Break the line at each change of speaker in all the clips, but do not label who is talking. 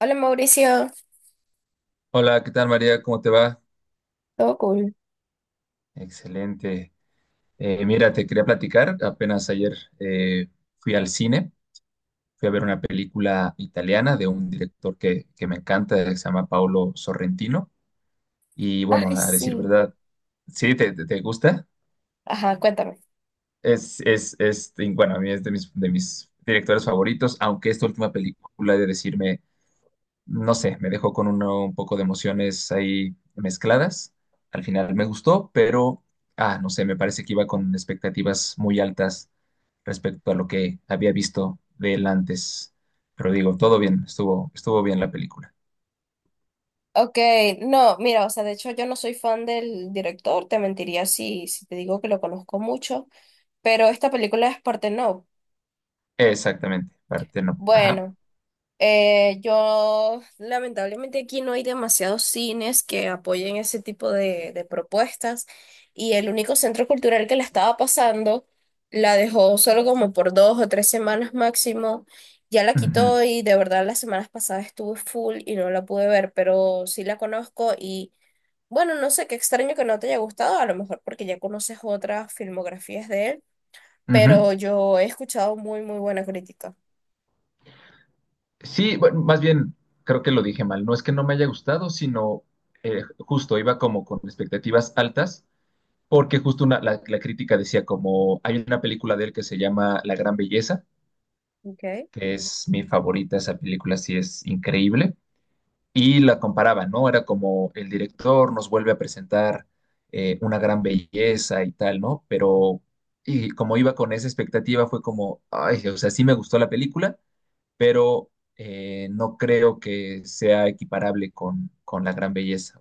Hola, Mauricio,
Hola, ¿qué tal, María? ¿Cómo te va?
todo cool.
Excelente. Mira, te quería platicar. Apenas ayer fui al cine, fui a ver una película italiana de un director que me encanta, que se llama Paolo Sorrentino. Y bueno,
Ay,
a decir
sí.
verdad, sí, te gusta.
Ajá, cuéntame.
Es, y bueno, a mí es de mis directores favoritos, aunque esta última película, he de decirme, no sé, me dejó con un poco de emociones ahí mezcladas. Al final me gustó, pero, ah, no sé, me parece que iba con expectativas muy altas respecto a lo que había visto de él antes. Pero digo, todo bien, estuvo bien la película.
Ok, no, mira, o sea, de hecho yo no soy fan del director, te mentiría si te digo que lo conozco mucho, pero esta película es Portnoy.
Exactamente, parte no. Ajá.
Bueno. Yo lamentablemente aquí no hay demasiados cines que apoyen ese tipo de propuestas y el único centro cultural que la estaba pasando la dejó solo como por dos o tres semanas máximo, ya la quitó y de verdad las semanas pasadas estuve full y no la pude ver, pero sí la conozco y bueno, no sé, qué extraño que no te haya gustado, a lo mejor porque ya conoces otras filmografías de él,
Ujú, ujú.
pero yo he escuchado muy, muy buena crítica.
Sí, bueno, más bien, creo que lo dije mal. No es que no me haya gustado, sino justo iba como con expectativas altas porque justo la crítica decía como hay una película de él que se llama La Gran Belleza,
Ok.
que es mi favorita, esa película sí es increíble, y la comparaba, ¿no? Era como el director nos vuelve a presentar una gran belleza y tal, ¿no? Pero y como iba con esa expectativa fue como, ay, o sea, sí me gustó la película, pero no creo que sea equiparable con La Gran Belleza.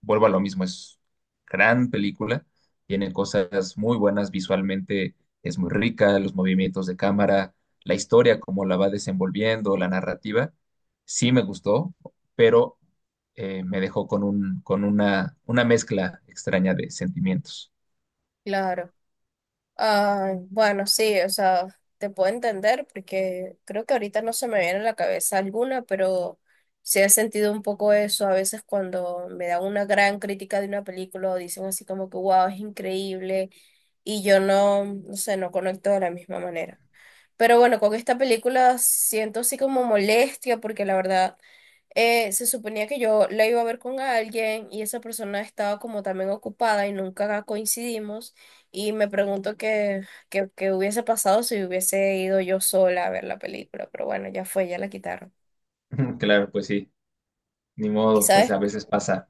Vuelvo a lo mismo, es gran película, tiene cosas muy buenas visualmente, es muy rica, los movimientos de cámara, la historia, cómo la va desenvolviendo, la narrativa, sí me gustó, pero me dejó con una mezcla extraña de sentimientos.
Claro. Ah, bueno, sí, o sea, te puedo entender porque creo que ahorita no se me viene a la cabeza alguna, pero sí he sentido un poco eso a veces cuando me dan una gran crítica de una película o dicen así como que wow, es increíble y yo no, no sé, no conecto de la misma manera. Pero bueno, con esta película siento así como molestia porque la verdad se suponía que yo la iba a ver con alguien y esa persona estaba como también ocupada y nunca coincidimos y me pregunto qué qué hubiese pasado si hubiese ido yo sola a ver la película, pero bueno, ya fue, ya la quitaron.
Claro, pues sí, ni
¿Y
modo, pues
sabes,
a veces pasa.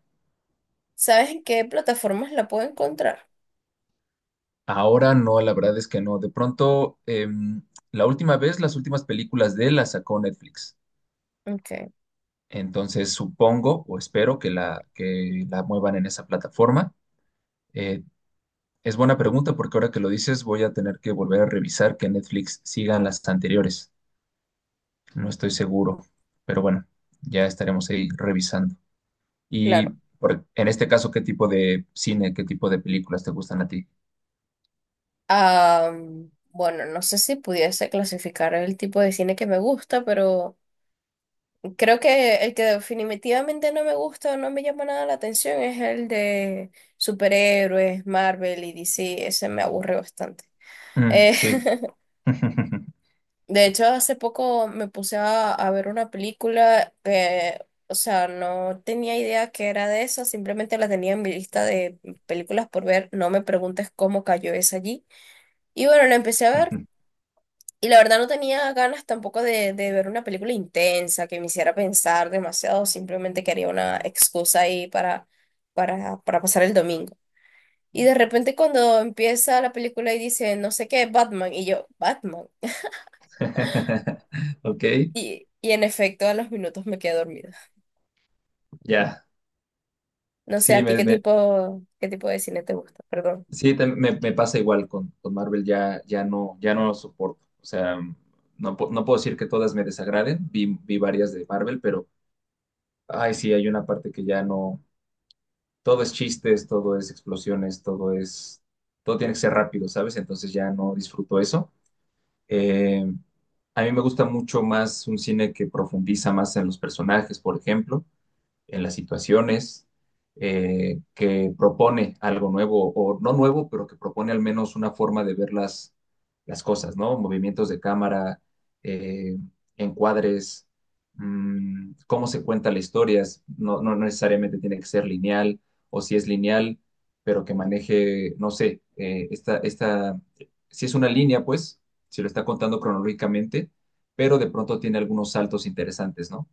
sabes en qué plataformas la puedo encontrar?
Ahora no, la verdad es que no. De pronto, la última vez, las últimas películas de él las sacó Netflix.
Ok,
Entonces supongo o espero que la muevan en esa plataforma. Eh, es buena pregunta porque ahora que lo dices voy a tener que volver a revisar que Netflix sigan las anteriores. No estoy seguro, pero bueno, ya estaremos ahí revisando. Y
claro.
en este caso, ¿qué tipo de cine, qué tipo de películas te gustan a ti?
Ah, bueno, no sé si pudiese clasificar el tipo de cine que me gusta, pero creo que el que definitivamente no me gusta o no me llama nada la atención es el de superhéroes, Marvel y DC. Ese me aburre bastante.
Mm,
Eh,
sí.
de hecho, hace poco me puse a ver una película que, o sea, no tenía idea que era de esa, simplemente la tenía en mi lista de películas por ver. No me preguntes cómo cayó esa allí. Y bueno, la empecé a ver. Y la verdad no tenía ganas tampoco de ver una película intensa que me hiciera pensar demasiado, simplemente quería una excusa ahí para pasar el domingo. Y de repente cuando empieza la película y dice, no sé qué, Batman, y yo, Batman.
Ok,
Y en efecto a los minutos me quedé dormida.
ya.
No sé,
Sí,
¿a ti
me, me-
qué tipo de cine te gusta? Perdón.
Sí, me pasa igual con Marvel, ya no lo soporto. O sea, no, no puedo decir que todas me desagraden, vi varias de Marvel, pero, ay, sí, hay una parte que ya no, todo es chistes, todo es explosiones, todo es, todo tiene que ser rápido, ¿sabes? Entonces ya no disfruto eso. Eh, a mí me gusta mucho más un cine que profundiza más en los personajes, por ejemplo en las situaciones, que propone algo nuevo, o no nuevo, pero que propone al menos una forma de ver las cosas, ¿no? Movimientos de cámara, eh, encuadres, mm, cómo se cuenta la historia, no, no necesariamente tiene que ser lineal, o si es lineal, pero que maneje, no sé, si es una línea, pues, si lo está contando cronológicamente, pero de pronto tiene algunos saltos interesantes, ¿no?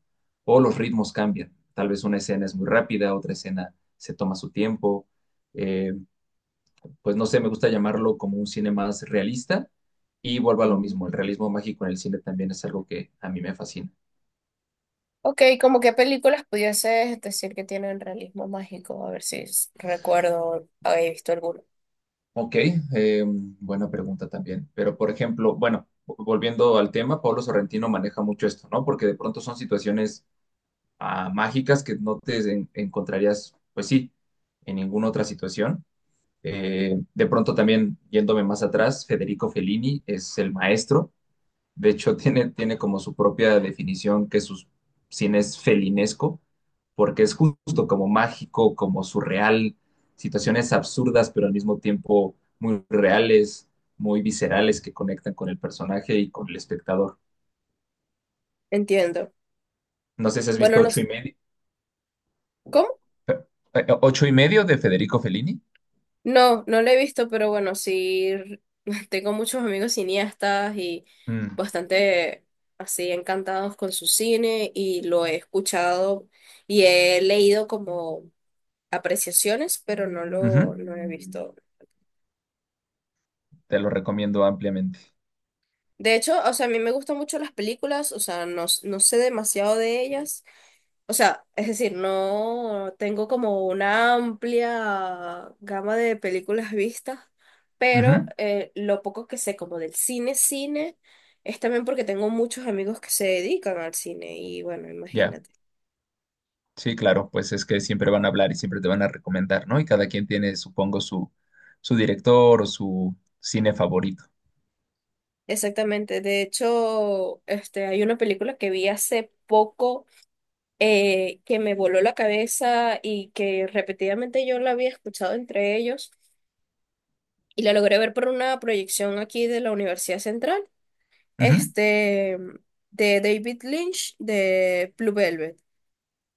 O los ritmos cambian. Tal vez una escena es muy rápida, otra escena se toma su tiempo. Eh, pues no sé, me gusta llamarlo como un cine más realista y vuelvo a lo
Ujú.
mismo, el realismo mágico en el cine también es algo que a mí me fascina.
Ok, ¿como qué películas pudieses decir que tienen realismo mágico? A ver si recuerdo haber visto alguno.
Ok, buena pregunta también, pero por ejemplo, bueno, volviendo al tema, Pablo Sorrentino maneja mucho esto, ¿no? Porque de pronto son situaciones ah, mágicas que no te encontrarías, pues sí, en ninguna otra situación. De pronto también, yéndome más atrás, Federico Fellini es el maestro. De hecho, tiene como su propia definición, que su cine es felinesco, porque es justo como mágico, como surreal, situaciones absurdas, pero al mismo tiempo muy reales, muy viscerales, que conectan con el personaje y con el espectador.
Entiendo.
¿No sé si has visto
Bueno, no, ¿cómo?
Eh, Ocho y medio de Federico Fellini?
No, no la he visto, pero bueno, sí, tengo muchos amigos cineastas y
Mm,
bastante así encantados con su cine y lo he escuchado y he leído como apreciaciones, pero no lo,
ujú,
no he visto.
te lo recomiendo ampliamente.
De hecho, o sea, a mí me gustan mucho las películas, o sea, no, no sé demasiado de ellas. O sea, es decir, no tengo como una amplia gama de películas vistas, pero
Ujú,
lo poco que sé como del cine, cine, es también porque tengo muchos amigos que se dedican al cine y bueno,
ya.
imagínate.
Sí, claro, pues es que siempre van a hablar y siempre te van a recomendar, ¿no? Y cada quien tiene, supongo, su director o su cine favorito.
Exactamente. De hecho, este, hay una película que vi hace poco que me voló la cabeza y que repetidamente yo la había escuchado entre ellos y la logré ver por una proyección aquí de la Universidad Central.
Ujú.
Este, de David Lynch, de Blue Velvet.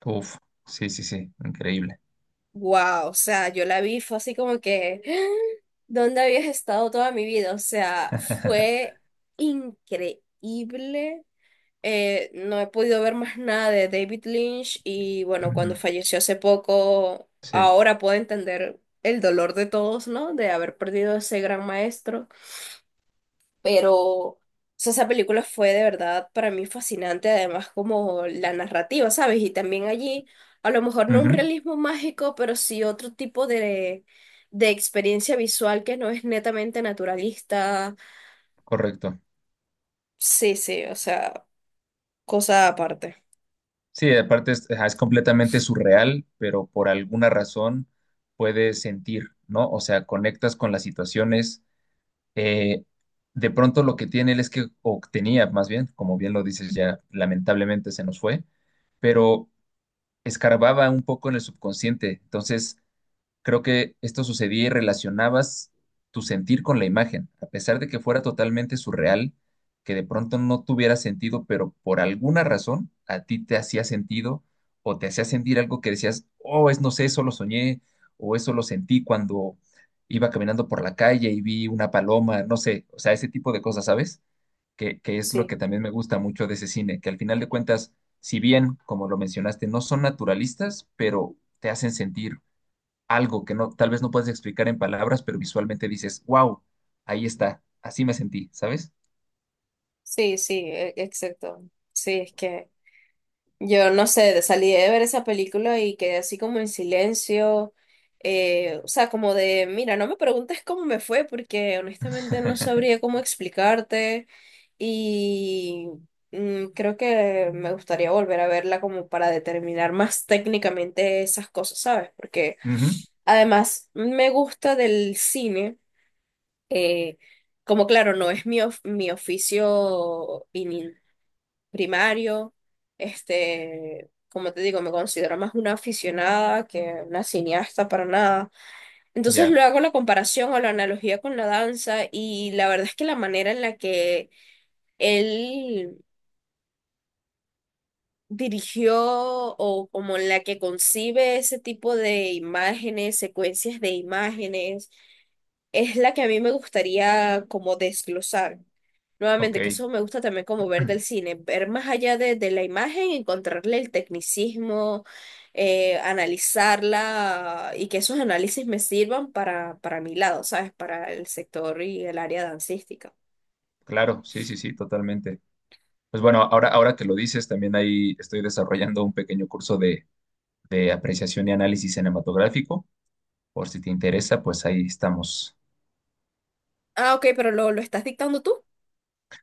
Uf, sí, sí, sí, increíble.
Wow, o sea, yo la vi, fue así como que, ¿dónde habías estado toda mi vida? O sea, fue increíble. No he podido ver más nada de David Lynch y bueno,
Ujú,
cuando falleció hace poco,
sí,
ahora puedo entender el dolor de todos, ¿no? De haber perdido a ese gran maestro. Pero, o sea, esa película fue de verdad para mí fascinante, además como la narrativa, ¿sabes? Y también allí, a lo mejor no un
ujú,
realismo mágico, pero sí otro tipo de experiencia visual que no es netamente naturalista.
correcto.
Sí, sí, o sea, cosa aparte.
Sí, aparte es, ajá, es completamente surreal, pero por alguna razón puedes sentir, ¿no? O sea, conectas con las situaciones. eh, de pronto lo que tiene él es que, o tenía más bien, como bien lo dices ya, lamentablemente se nos fue, pero escarbaba un poco en el subconsciente. Entonces, creo que esto sucedía y relacionabas tu sentir con la imagen, a pesar de que fuera totalmente surreal, que de pronto no tuviera sentido, pero por alguna razón a ti te hacía sentido o te hacía sentir algo que decías, oh, es no sé, eso lo soñé o eso lo sentí cuando iba caminando por la calle y vi una paloma, no sé, o sea, ese tipo de cosas, ¿sabes? Que es lo
Sí,
que también me gusta mucho de ese cine, que al final de cuentas, si bien, como lo mencionaste, no son naturalistas, pero te hacen sentir algo que no, tal vez no puedes explicar en palabras, pero visualmente dices, wow, ahí está, así me sentí, ¿sabes?
sí, sí, exacto. Sí, es que yo no sé, salí de ver esa película y quedé así como en silencio, o sea, como de, mira, no me preguntes cómo me fue porque honestamente no sabría cómo explicarte y mm, creo que me gustaría volver a verla como para determinar más técnicamente esas cosas, ¿sabes? Porque
Ujú,
además me gusta del cine, eh, como claro, no es mi, mi oficio primario. Este, como te digo, me considero más una aficionada que una cineasta para nada. Entonces
ya,
luego hago la comparación o la analogía con la danza y la verdad es que la manera en la que él dirigió o como en la que concibe ese tipo de imágenes, secuencias de imágenes es la que a mí me gustaría como desglosar. Nuevamente, que
ok.
eso me gusta también como ver del cine, ver más allá de la imagen, encontrarle el tecnicismo, analizarla y que esos análisis me sirvan para mi lado, ¿sabes? Para el sector y el área dancística.
Claro, sí, sí, sí, totalmente. Pues bueno, ahora que lo dices, también ahí estoy desarrollando un pequeño curso de apreciación y análisis cinematográfico. Por si te interesa, pues ahí estamos.
Ah, ok, pero lo estás dictando tú.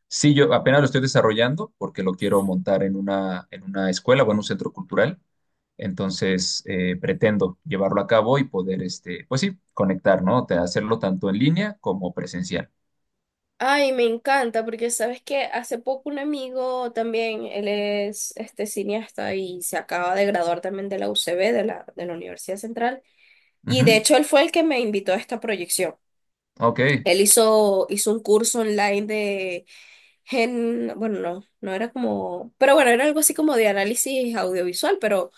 Sí, yo apenas lo estoy desarrollando porque lo quiero montar en una escuela o en un centro cultural. Entonces, pretendo llevarlo a cabo y poder, este, pues sí, conectar, ¿no? Hacerlo tanto en línea como presencial.
Ay, me encanta, porque sabes que hace poco un amigo también, él es este cineasta y se acaba de graduar también de la UCB, de la Universidad Central. Y de
Ujú.
hecho él fue el que me invitó a esta proyección.
Ok,
Él hizo un curso online de gen, bueno, no, no era como, pero bueno, era algo así como de análisis audiovisual,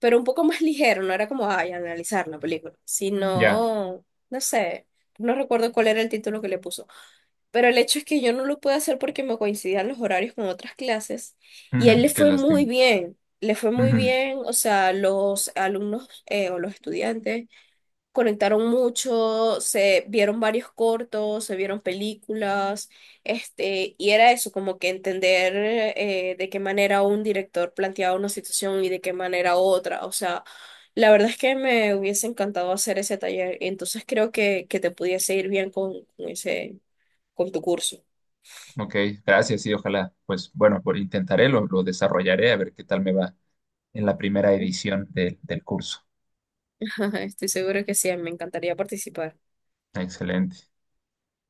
pero un poco más ligero, no era como, ay, analizar la película,
ya.
sino, no sé, no recuerdo cuál era el título que le puso. Pero el hecho es que yo no lo pude hacer porque me coincidían los horarios con otras clases y a él
Ujú,
le
qué
fue muy
lástima.
bien, le fue muy
Ujú.
bien, o sea, los alumnos o los estudiantes conectaron mucho, se vieron varios cortos, se vieron películas, este, y era eso, como que entender de qué manera un director planteaba una situación y de qué manera otra. O sea, la verdad es que me hubiese encantado hacer ese taller, entonces creo que te pudiese ir bien con ese, con tu curso.
Ok, gracias, sí, ojalá. Pues bueno, por, intentaré, lo desarrollaré a ver qué tal me va en la primera edición del curso.
Estoy segura que sí, me encantaría participar.
Excelente.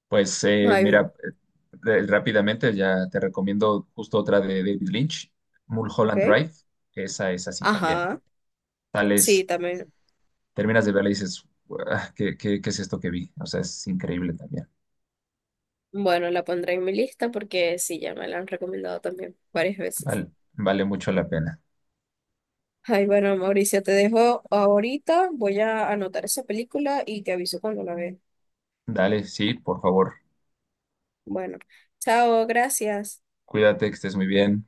Pues
Ay,
mira, rápidamente ya te recomiendo justo otra de David Lynch, Mulholland
ok.
Drive, que esa es así también.
Ajá, sí,
Tales,
también.
terminas de verla y dices, "Guau, ¿qué es esto que vi? O sea, es increíble también".
Bueno, la pondré en mi lista porque sí, ya me la han recomendado también varias veces.
Vale, vale mucho la pena.
Ay, bueno, Mauricio, te dejo ahorita. Voy a anotar esa película y te aviso cuando la vea.
Dale, sí, por favor,
Bueno, chao, gracias.
cuídate, que estés muy bien.